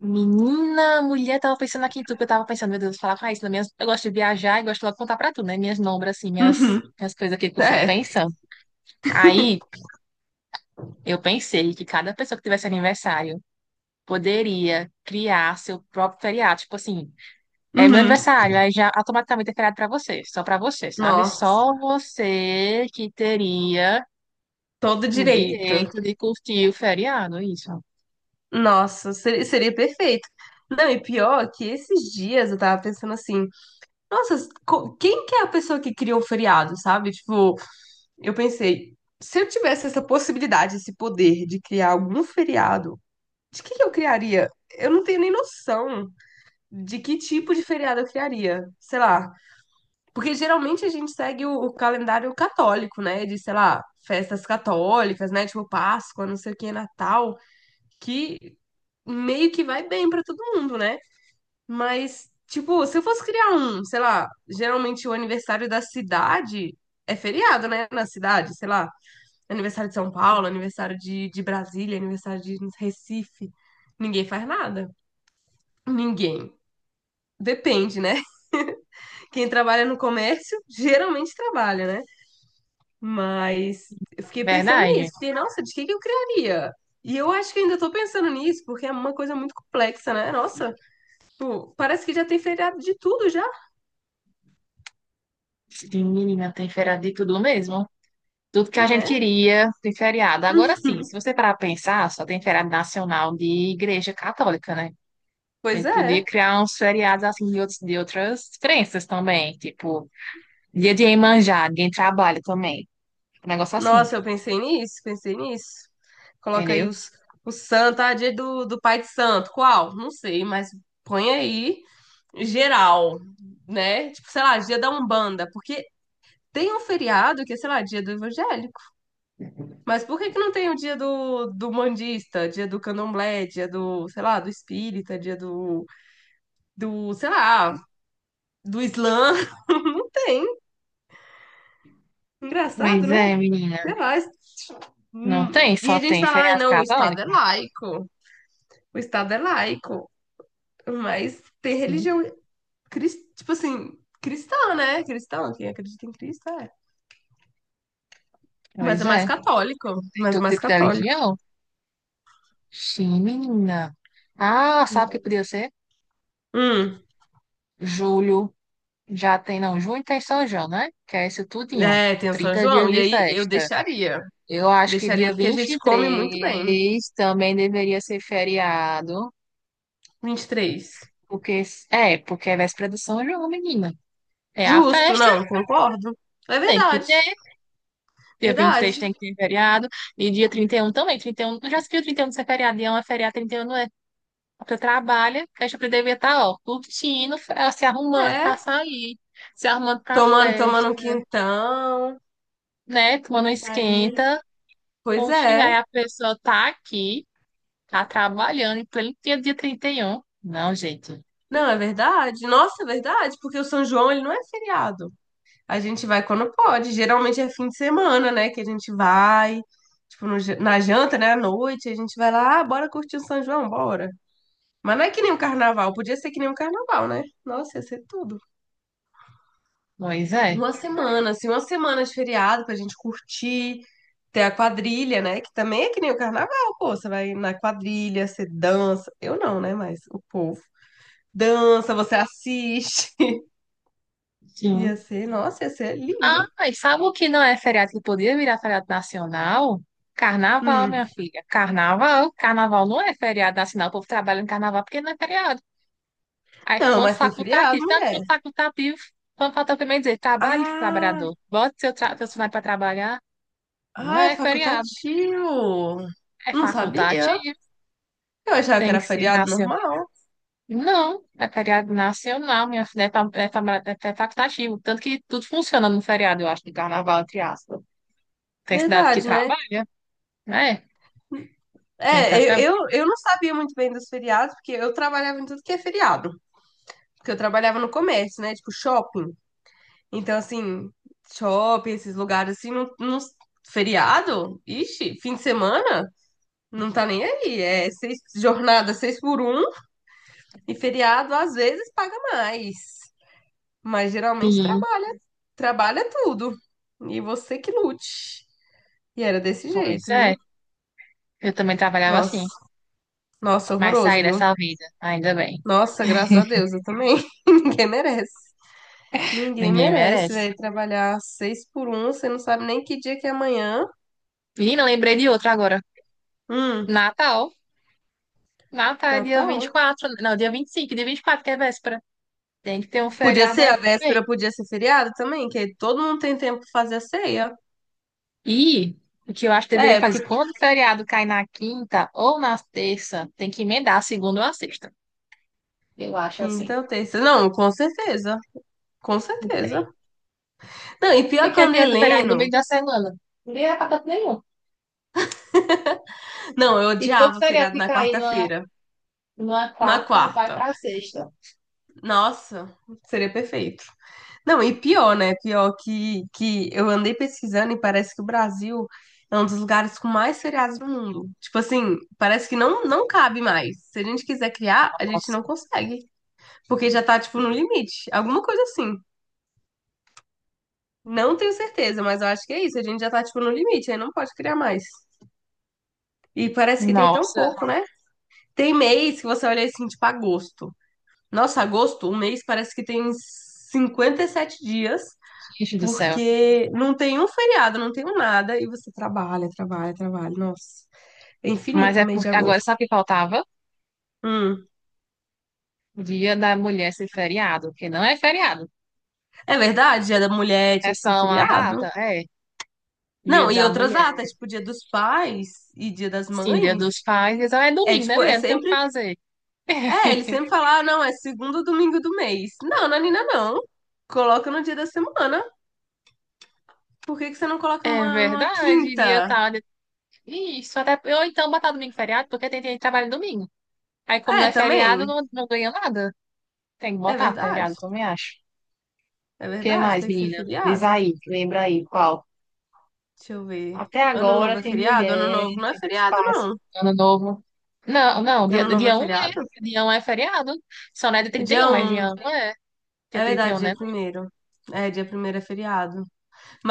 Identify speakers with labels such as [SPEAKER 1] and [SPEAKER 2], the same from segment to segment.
[SPEAKER 1] Menina, mulher, tava pensando aqui em tu, que eu tava pensando, meu Deus, falar com a Raíssa, eu gosto de viajar e gosto logo de contar pra tu, né? Minhas nombras, assim, minhas,
[SPEAKER 2] Uhum,
[SPEAKER 1] minhas coisas aqui que eu fico
[SPEAKER 2] é.
[SPEAKER 1] pensando. Aí, eu pensei que cada pessoa que tivesse aniversário poderia criar seu próprio feriado. Tipo assim, é meu
[SPEAKER 2] Uhum,
[SPEAKER 1] aniversário, aí já automaticamente é feriado pra você, só pra você, sabe?
[SPEAKER 2] nossa,
[SPEAKER 1] Só você que teria
[SPEAKER 2] todo
[SPEAKER 1] o
[SPEAKER 2] direito.
[SPEAKER 1] direito de curtir o feriado, isso.
[SPEAKER 2] Nossa, seria perfeito. Não, e pior que esses dias eu tava pensando assim, nossa, quem que é a pessoa que criou o feriado, sabe? Tipo, eu pensei, se eu tivesse essa possibilidade, esse poder de criar algum feriado, de que eu criaria? Eu não tenho nem noção de que tipo de feriado eu criaria. Sei lá, porque geralmente a gente segue o calendário católico, né? De, sei lá, festas católicas, né? Tipo Páscoa, não sei o que, Natal, que meio que vai bem pra todo mundo, né? Mas, tipo, se eu fosse criar um, sei lá, geralmente o aniversário da cidade é feriado, né? Na cidade, sei lá, aniversário de São Paulo, aniversário de Brasília, aniversário de Recife. Ninguém faz nada. Ninguém. Depende, né? Quem trabalha no comércio geralmente trabalha, né? Mas eu fiquei pensando nisso.
[SPEAKER 1] Verdade.
[SPEAKER 2] Fiquei, nossa, de que eu criaria? E eu acho que ainda tô pensando nisso, porque é uma coisa muito complexa, né? Nossa, tipo, parece que já tem feriado de tudo já,
[SPEAKER 1] Sim, menina, tem feriado de tudo mesmo. Tudo que a gente
[SPEAKER 2] né?
[SPEAKER 1] queria de feriado. Agora sim, se você parar para pensar, só tem feriado nacional de igreja católica, né? A
[SPEAKER 2] Pois
[SPEAKER 1] gente podia
[SPEAKER 2] é.
[SPEAKER 1] criar uns feriados assim de outras crenças também, tipo dia de Iemanjá, ninguém trabalha também. Um negócio assim,
[SPEAKER 2] Nossa, eu pensei nisso, pensei nisso. Coloca aí
[SPEAKER 1] entendeu?
[SPEAKER 2] os, o santo, ah, dia do, do pai de santo. Qual? Não sei, mas põe aí geral, né? Tipo, sei lá, dia da Umbanda, porque tem um feriado que é, sei lá, dia do Evangelho. Mas por que que não tem o dia do, do mandista, dia do candomblé, dia do, sei lá, do espírita, dia do, do, sei lá, do islã? Não tem. Engraçado,
[SPEAKER 1] Pois
[SPEAKER 2] né?
[SPEAKER 1] é, menina.
[SPEAKER 2] Sei lá.
[SPEAKER 1] Não tem,
[SPEAKER 2] E
[SPEAKER 1] só
[SPEAKER 2] a gente
[SPEAKER 1] tem
[SPEAKER 2] fala, ai,
[SPEAKER 1] feriado
[SPEAKER 2] não, o Estado é
[SPEAKER 1] católico.
[SPEAKER 2] laico. O Estado é laico. Mas tem
[SPEAKER 1] Sim,
[SPEAKER 2] religião, tipo assim, cristã, né? Cristão, quem acredita em Cristo é. Mas
[SPEAKER 1] pois
[SPEAKER 2] é mais
[SPEAKER 1] é,
[SPEAKER 2] católico.
[SPEAKER 1] tem
[SPEAKER 2] Mas é
[SPEAKER 1] todo
[SPEAKER 2] mais
[SPEAKER 1] tipo de
[SPEAKER 2] católico.
[SPEAKER 1] religião. Sim, menina. Ah, sabe o que podia ser?
[SPEAKER 2] Hum,
[SPEAKER 1] Julho já tem, não, junho tem São João, né? Que é esse tudinho.
[SPEAKER 2] é, tem o São
[SPEAKER 1] Trinta
[SPEAKER 2] João.
[SPEAKER 1] dias
[SPEAKER 2] E
[SPEAKER 1] de
[SPEAKER 2] aí eu
[SPEAKER 1] festa.
[SPEAKER 2] deixaria.
[SPEAKER 1] Eu acho que
[SPEAKER 2] Deixaria
[SPEAKER 1] dia
[SPEAKER 2] porque a
[SPEAKER 1] vinte
[SPEAKER 2] gente
[SPEAKER 1] e
[SPEAKER 2] come muito bem.
[SPEAKER 1] três também deveria ser feriado,
[SPEAKER 2] 23.
[SPEAKER 1] porque porque é véspera do São João, menina. É a
[SPEAKER 2] Justo,
[SPEAKER 1] festa,
[SPEAKER 2] não, concordo. É
[SPEAKER 1] tem que
[SPEAKER 2] verdade.
[SPEAKER 1] ter. Dia 23
[SPEAKER 2] Verdade.
[SPEAKER 1] tem que ter feriado, e dia 31 também. Trinta e um já se viu 31 ser feriado? Dia um é feriado, 31 não é. Você trabalha, a gente deveria estar, ó, curtindo, se arrumando pra
[SPEAKER 2] É.
[SPEAKER 1] sair, se arrumando pra
[SPEAKER 2] Tomando, tomando um
[SPEAKER 1] festa,
[SPEAKER 2] quintão
[SPEAKER 1] né? Tomando um
[SPEAKER 2] ali.
[SPEAKER 1] esquenta.
[SPEAKER 2] Pois
[SPEAKER 1] Poxa,
[SPEAKER 2] é.
[SPEAKER 1] aí a pessoa tá aqui, tá trabalhando, em pleno dia, dia 31. Não, gente.
[SPEAKER 2] Não, é verdade. Nossa, é verdade, porque o São João ele não é feriado. A gente vai quando pode. Geralmente é fim de semana, né? Que a gente vai. Tipo, no ja- na janta, né? À noite, a gente vai lá, ah, bora curtir o São João, bora. Mas não é que nem o carnaval. Podia ser que nem o carnaval, né? Nossa, ia ser tudo.
[SPEAKER 1] Pois é.
[SPEAKER 2] Uma semana, assim, uma semana de feriado pra gente curtir, ter a quadrilha, né? Que também é que nem o carnaval, pô. Você vai na quadrilha, você dança. Eu não, né? Mas o povo dança, você assiste. Ia
[SPEAKER 1] Sim.
[SPEAKER 2] ser, nossa, ia ser
[SPEAKER 1] Ah,
[SPEAKER 2] lindo.
[SPEAKER 1] mas sabe o que não é feriado que poderia virar feriado nacional? Carnaval,
[SPEAKER 2] Hum.
[SPEAKER 1] minha filha. Carnaval. Carnaval não é feriado nacional. O povo trabalha no carnaval porque não é feriado. Aí,
[SPEAKER 2] Não,
[SPEAKER 1] ponto
[SPEAKER 2] mas tem feriado,
[SPEAKER 1] facultativo, tanto
[SPEAKER 2] mulher.
[SPEAKER 1] ponto facultativo, quando falta também dizer, trabalhe,
[SPEAKER 2] Ah,
[SPEAKER 1] trabalhador, bote seu funcionário para trabalhar, não
[SPEAKER 2] ah, é
[SPEAKER 1] é feriado,
[SPEAKER 2] facultativo.
[SPEAKER 1] é
[SPEAKER 2] Não sabia.
[SPEAKER 1] facultativo,
[SPEAKER 2] Eu achava que
[SPEAKER 1] tem
[SPEAKER 2] era
[SPEAKER 1] que ser
[SPEAKER 2] feriado
[SPEAKER 1] nacional.
[SPEAKER 2] normal.
[SPEAKER 1] Não, é feriado nacional, minha filha, é facultativo, tanto que tudo funciona no feriado, eu acho, de carnaval, entre aspas. Tem cidade que
[SPEAKER 2] Verdade, né?
[SPEAKER 1] trabalha, né? Tem que tá
[SPEAKER 2] É,
[SPEAKER 1] trabalhando.
[SPEAKER 2] eu não sabia muito bem dos feriados, porque eu trabalhava em tudo que é feriado. Porque eu trabalhava no comércio, né? Tipo, shopping. Então, assim, shopping, esses lugares assim, feriado? Ixi, fim de semana? Não tá nem aí. É seis, jornada seis por um e feriado às vezes paga mais. Mas geralmente
[SPEAKER 1] Sim,
[SPEAKER 2] trabalha, trabalha tudo. E você que lute. E era desse
[SPEAKER 1] pois
[SPEAKER 2] jeito, viu?
[SPEAKER 1] é, eu também trabalhava assim,
[SPEAKER 2] Nossa, nossa,
[SPEAKER 1] mas
[SPEAKER 2] horroroso,
[SPEAKER 1] saí
[SPEAKER 2] viu?
[SPEAKER 1] dessa vida, ainda bem,
[SPEAKER 2] Nossa, graças a Deus, eu também. Ninguém merece. Ninguém
[SPEAKER 1] ninguém
[SPEAKER 2] merece,
[SPEAKER 1] merece.
[SPEAKER 2] velho, trabalhar seis por um, você não sabe nem que dia que é amanhã.
[SPEAKER 1] Menina, lembrei de outra agora,
[SPEAKER 2] Hum,
[SPEAKER 1] Natal. Natal é dia vinte e
[SPEAKER 2] Natal.
[SPEAKER 1] quatro, não, dia 25, dia 24 que é véspera. Tem que ter um
[SPEAKER 2] Podia
[SPEAKER 1] feriado
[SPEAKER 2] ser a
[SPEAKER 1] aí
[SPEAKER 2] véspera,
[SPEAKER 1] também.
[SPEAKER 2] podia ser feriado também, que aí todo mundo tem tempo pra fazer a ceia.
[SPEAKER 1] E o que eu acho que deveria
[SPEAKER 2] É,
[SPEAKER 1] fazer,
[SPEAKER 2] porque
[SPEAKER 1] quando o feriado cai na quinta ou na terça, tem que emendar a segunda ou a sexta. Eu acho
[SPEAKER 2] quinta
[SPEAKER 1] assim.
[SPEAKER 2] ou terça. Não, com certeza. Com
[SPEAKER 1] Não tem.
[SPEAKER 2] certeza. Não, e
[SPEAKER 1] O que é
[SPEAKER 2] pior que
[SPEAKER 1] que
[SPEAKER 2] eu andei
[SPEAKER 1] adianta o feriado no
[SPEAKER 2] lendo.
[SPEAKER 1] meio da semana? Não é pra tanto nenhum.
[SPEAKER 2] Não, eu
[SPEAKER 1] E teu
[SPEAKER 2] odiava
[SPEAKER 1] feriado
[SPEAKER 2] feriado
[SPEAKER 1] que
[SPEAKER 2] na
[SPEAKER 1] cair numa,
[SPEAKER 2] quarta-feira.
[SPEAKER 1] numa
[SPEAKER 2] Na
[SPEAKER 1] quarta, vai
[SPEAKER 2] quarta.
[SPEAKER 1] pra sexta.
[SPEAKER 2] Nossa, seria perfeito. Não, e pior, né? Pior que eu andei pesquisando e parece que o Brasil é um dos lugares com mais feriados do mundo. Tipo assim, parece que não cabe mais. Se a gente quiser criar, a gente
[SPEAKER 1] Nossa,
[SPEAKER 2] não consegue. Porque já tá, tipo, no limite. Alguma coisa assim. Não tenho certeza, mas eu acho que é isso. A gente já tá, tipo, no limite, aí não pode criar mais. E parece que tem tão
[SPEAKER 1] nossa,
[SPEAKER 2] pouco, né? Tem mês que você olha assim, tipo, agosto. Nossa, agosto, um mês parece que tem 57 dias.
[SPEAKER 1] gente do céu.
[SPEAKER 2] Porque não tem um feriado, não tem um nada, e você trabalha, trabalha, trabalha. Nossa, é
[SPEAKER 1] Mas
[SPEAKER 2] infinito
[SPEAKER 1] é
[SPEAKER 2] o mês de
[SPEAKER 1] porque agora
[SPEAKER 2] agosto.
[SPEAKER 1] sabe o que faltava?
[SPEAKER 2] Hum.
[SPEAKER 1] Dia da mulher ser feriado, porque não é feriado.
[SPEAKER 2] É verdade, Dia da Mulher
[SPEAKER 1] É
[SPEAKER 2] tinha que ser
[SPEAKER 1] só uma
[SPEAKER 2] feriado.
[SPEAKER 1] data? É, Dia
[SPEAKER 2] Não, e
[SPEAKER 1] da
[SPEAKER 2] outras
[SPEAKER 1] Mulher.
[SPEAKER 2] datas, tipo Dia dos Pais e Dia das
[SPEAKER 1] Sim, dia
[SPEAKER 2] Mães,
[SPEAKER 1] dos pais. Então é
[SPEAKER 2] é
[SPEAKER 1] domingo, né,
[SPEAKER 2] tipo, é
[SPEAKER 1] mulher? Não tem o que
[SPEAKER 2] sempre.
[SPEAKER 1] fazer.
[SPEAKER 2] É, eles sempre falam, ah, não, é segundo domingo do mês. Não, Nanina, não. Coloca no dia da semana. Por que que você não coloca
[SPEAKER 1] É
[SPEAKER 2] numa, numa
[SPEAKER 1] verdade,
[SPEAKER 2] quinta?
[SPEAKER 1] Isso, até. Ou então botar domingo feriado, porque tem gente que trabalha domingo. Aí, como não
[SPEAKER 2] É,
[SPEAKER 1] é feriado,
[SPEAKER 2] também.
[SPEAKER 1] não ganha nada. Tem que
[SPEAKER 2] É
[SPEAKER 1] botar
[SPEAKER 2] verdade.
[SPEAKER 1] feriado, também acho.
[SPEAKER 2] É
[SPEAKER 1] O que
[SPEAKER 2] verdade,
[SPEAKER 1] mais,
[SPEAKER 2] tem que ser
[SPEAKER 1] menina? Diz
[SPEAKER 2] feriado.
[SPEAKER 1] aí, lembra aí qual?
[SPEAKER 2] Deixa eu ver.
[SPEAKER 1] Até
[SPEAKER 2] Ano
[SPEAKER 1] agora
[SPEAKER 2] novo é
[SPEAKER 1] tem
[SPEAKER 2] feriado? Ano
[SPEAKER 1] mulher,
[SPEAKER 2] novo não é
[SPEAKER 1] tem dos
[SPEAKER 2] feriado,
[SPEAKER 1] pais,
[SPEAKER 2] não.
[SPEAKER 1] ano novo. Não, não, dia,
[SPEAKER 2] Ano novo é
[SPEAKER 1] dia 1
[SPEAKER 2] feriado?
[SPEAKER 1] é. Dia um é feriado. Só não é dia
[SPEAKER 2] É
[SPEAKER 1] 31,
[SPEAKER 2] Dia
[SPEAKER 1] mas
[SPEAKER 2] um.
[SPEAKER 1] dia um é. Dia
[SPEAKER 2] É
[SPEAKER 1] 31,
[SPEAKER 2] verdade, dia
[SPEAKER 1] né?
[SPEAKER 2] primeiro. É, dia primeiro é feriado.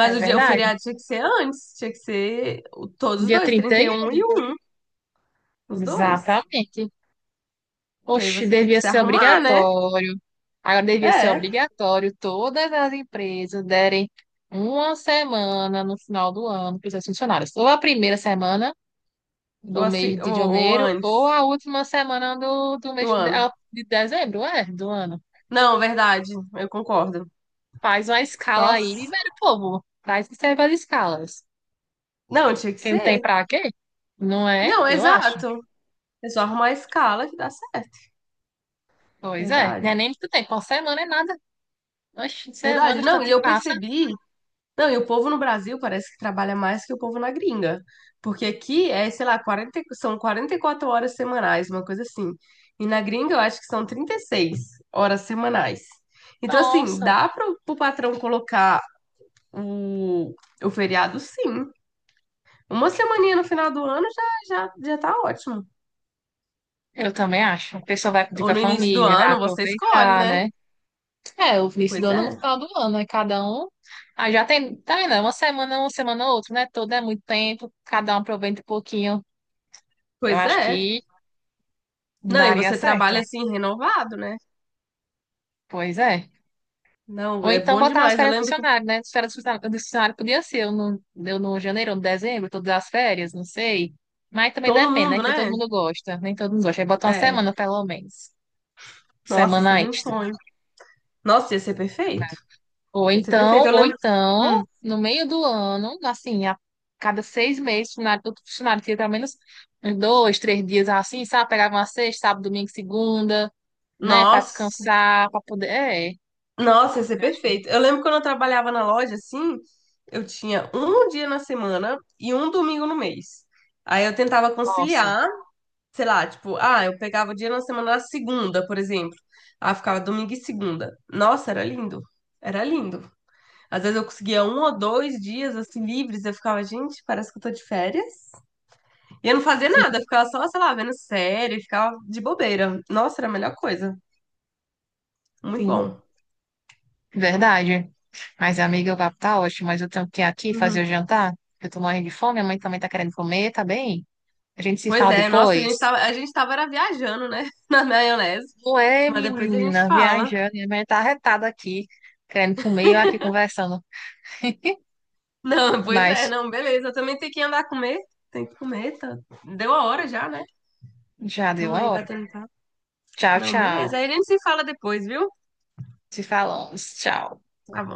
[SPEAKER 1] É
[SPEAKER 2] o dia, o
[SPEAKER 1] verdade.
[SPEAKER 2] feriado tinha que ser antes. Tinha que ser todos os
[SPEAKER 1] Dia
[SPEAKER 2] dois,
[SPEAKER 1] 30.
[SPEAKER 2] 31 e 1. Os dois.
[SPEAKER 1] Exatamente.
[SPEAKER 2] Que aí
[SPEAKER 1] Oxe,
[SPEAKER 2] você tem que
[SPEAKER 1] devia
[SPEAKER 2] se
[SPEAKER 1] ser
[SPEAKER 2] arrumar, né?
[SPEAKER 1] obrigatório. Agora devia ser
[SPEAKER 2] É.
[SPEAKER 1] obrigatório todas as empresas derem uma semana no final do ano para os seus funcionários. Ou a primeira semana
[SPEAKER 2] Ou,
[SPEAKER 1] do
[SPEAKER 2] assim,
[SPEAKER 1] mês
[SPEAKER 2] ou,
[SPEAKER 1] de
[SPEAKER 2] ou
[SPEAKER 1] janeiro, ou
[SPEAKER 2] antes
[SPEAKER 1] a última semana do mês
[SPEAKER 2] do
[SPEAKER 1] de,
[SPEAKER 2] ano.
[SPEAKER 1] ah, de dezembro, é, do ano.
[SPEAKER 2] Não, verdade. Eu concordo.
[SPEAKER 1] Faz uma escala aí e
[SPEAKER 2] Nossa.
[SPEAKER 1] libera o povo. Traz que serve as escalas.
[SPEAKER 2] Não, tinha que
[SPEAKER 1] Quem tem
[SPEAKER 2] ser.
[SPEAKER 1] pra quê? Não é?
[SPEAKER 2] Não,
[SPEAKER 1] Eu acho.
[SPEAKER 2] exato. É só arrumar a escala que dá certo.
[SPEAKER 1] Pois é. Não
[SPEAKER 2] Verdade.
[SPEAKER 1] é nem muito tempo. Uma semana é nada. Oxe,
[SPEAKER 2] Verdade.
[SPEAKER 1] semanas
[SPEAKER 2] Não,
[SPEAKER 1] tanto
[SPEAKER 2] e
[SPEAKER 1] que
[SPEAKER 2] eu
[SPEAKER 1] passa.
[SPEAKER 2] percebi. Não, e o povo no Brasil parece que trabalha mais que o povo na gringa. Porque aqui é, sei lá, são 44 horas semanais, uma coisa assim. E na gringa eu acho que são 36 horas semanais. Então, assim,
[SPEAKER 1] Nossa.
[SPEAKER 2] dá para o patrão colocar o, o feriado, sim. Uma semaninha no final do ano já tá ótimo.
[SPEAKER 1] Eu também acho. A pessoa vai pedir com
[SPEAKER 2] Ou
[SPEAKER 1] a
[SPEAKER 2] no início do
[SPEAKER 1] família, vai
[SPEAKER 2] ano, você escolhe,
[SPEAKER 1] aproveitar,
[SPEAKER 2] né?
[SPEAKER 1] né? É, o início do
[SPEAKER 2] Pois
[SPEAKER 1] ano
[SPEAKER 2] é,
[SPEAKER 1] no final do ano, né? Cada um. Ah, já tem, tá vendo? É uma semana, uma semana, outra, né? Todo é muito tempo, cada um aproveita um pouquinho. Eu
[SPEAKER 2] pois
[SPEAKER 1] acho
[SPEAKER 2] é.
[SPEAKER 1] que
[SPEAKER 2] Não, e
[SPEAKER 1] daria
[SPEAKER 2] você trabalha
[SPEAKER 1] certo.
[SPEAKER 2] assim, renovado, né?
[SPEAKER 1] Pois é.
[SPEAKER 2] Não,
[SPEAKER 1] Ou
[SPEAKER 2] é
[SPEAKER 1] então
[SPEAKER 2] bom
[SPEAKER 1] botar as
[SPEAKER 2] demais. Eu
[SPEAKER 1] férias do
[SPEAKER 2] lembro que
[SPEAKER 1] funcionário, né? As férias do funcionário podia ser eu no janeiro, ou no dezembro, todas as férias, não sei. Mas também
[SPEAKER 2] todo
[SPEAKER 1] depende, né?
[SPEAKER 2] mundo,
[SPEAKER 1] Que nem todo
[SPEAKER 2] né?
[SPEAKER 1] mundo gosta, nem todo mundo gosta. Aí bota uma
[SPEAKER 2] É.
[SPEAKER 1] semana, pelo menos.
[SPEAKER 2] Nossa,
[SPEAKER 1] Semana
[SPEAKER 2] seria um
[SPEAKER 1] extra.
[SPEAKER 2] sonho. Nossa, ia ser perfeito.
[SPEAKER 1] Ou
[SPEAKER 2] Ia ser perfeito.
[SPEAKER 1] então,
[SPEAKER 2] Eu
[SPEAKER 1] ou
[SPEAKER 2] lembro.
[SPEAKER 1] então,
[SPEAKER 2] Hum,
[SPEAKER 1] no meio do ano, assim, a cada seis meses, o funcionário, todo funcionário tinha pelo menos uns dois, três dias assim, sabe? Pegava uma sexta, sábado, domingo, segunda, né? Para
[SPEAKER 2] nossa,
[SPEAKER 1] descansar, para poder. É,
[SPEAKER 2] nossa, ia ser
[SPEAKER 1] eu acho que.
[SPEAKER 2] perfeito. Eu lembro quando eu trabalhava na loja, assim, eu tinha um dia na semana e um domingo no mês. Aí eu tentava
[SPEAKER 1] Nossa,
[SPEAKER 2] conciliar, sei lá, tipo, ah, eu pegava o dia na semana na segunda, por exemplo. Ah, ficava domingo e segunda. Nossa, era lindo. Era lindo. Às vezes eu conseguia um ou dois dias assim livres, eu ficava, gente, parece que eu tô de férias. E não fazer
[SPEAKER 1] sim,
[SPEAKER 2] nada, ficava só, sei lá, vendo série, ficava de bobeira. Nossa, era a melhor coisa. Muito
[SPEAKER 1] sim,
[SPEAKER 2] bom.
[SPEAKER 1] verdade. Mas, amiga, o papo tá ótimo, mas eu tenho que ir aqui fazer o
[SPEAKER 2] Uhum.
[SPEAKER 1] jantar. Eu tô morrendo de fome, a mãe também tá querendo comer, tá bem? A gente se
[SPEAKER 2] Pois
[SPEAKER 1] fala
[SPEAKER 2] é, nossa,
[SPEAKER 1] depois.
[SPEAKER 2] a gente tava era viajando, né? Na maionese.
[SPEAKER 1] Não é,
[SPEAKER 2] Mas depois a gente
[SPEAKER 1] menina,
[SPEAKER 2] fala.
[SPEAKER 1] viajando, e a mãe tá arretada aqui, querendo comer e eu aqui conversando.
[SPEAKER 2] Não, pois é,
[SPEAKER 1] Mas
[SPEAKER 2] não, beleza. Eu também tenho que andar a comer. Tem que comer, tá? Deu a hora já, né?
[SPEAKER 1] já deu
[SPEAKER 2] Tamo
[SPEAKER 1] a
[SPEAKER 2] aí
[SPEAKER 1] hora.
[SPEAKER 2] batendo papo.
[SPEAKER 1] Tchau,
[SPEAKER 2] Não,
[SPEAKER 1] tchau.
[SPEAKER 2] beleza. Aí a gente se fala depois, viu?
[SPEAKER 1] Te falamos. Tchau.
[SPEAKER 2] Tá bom.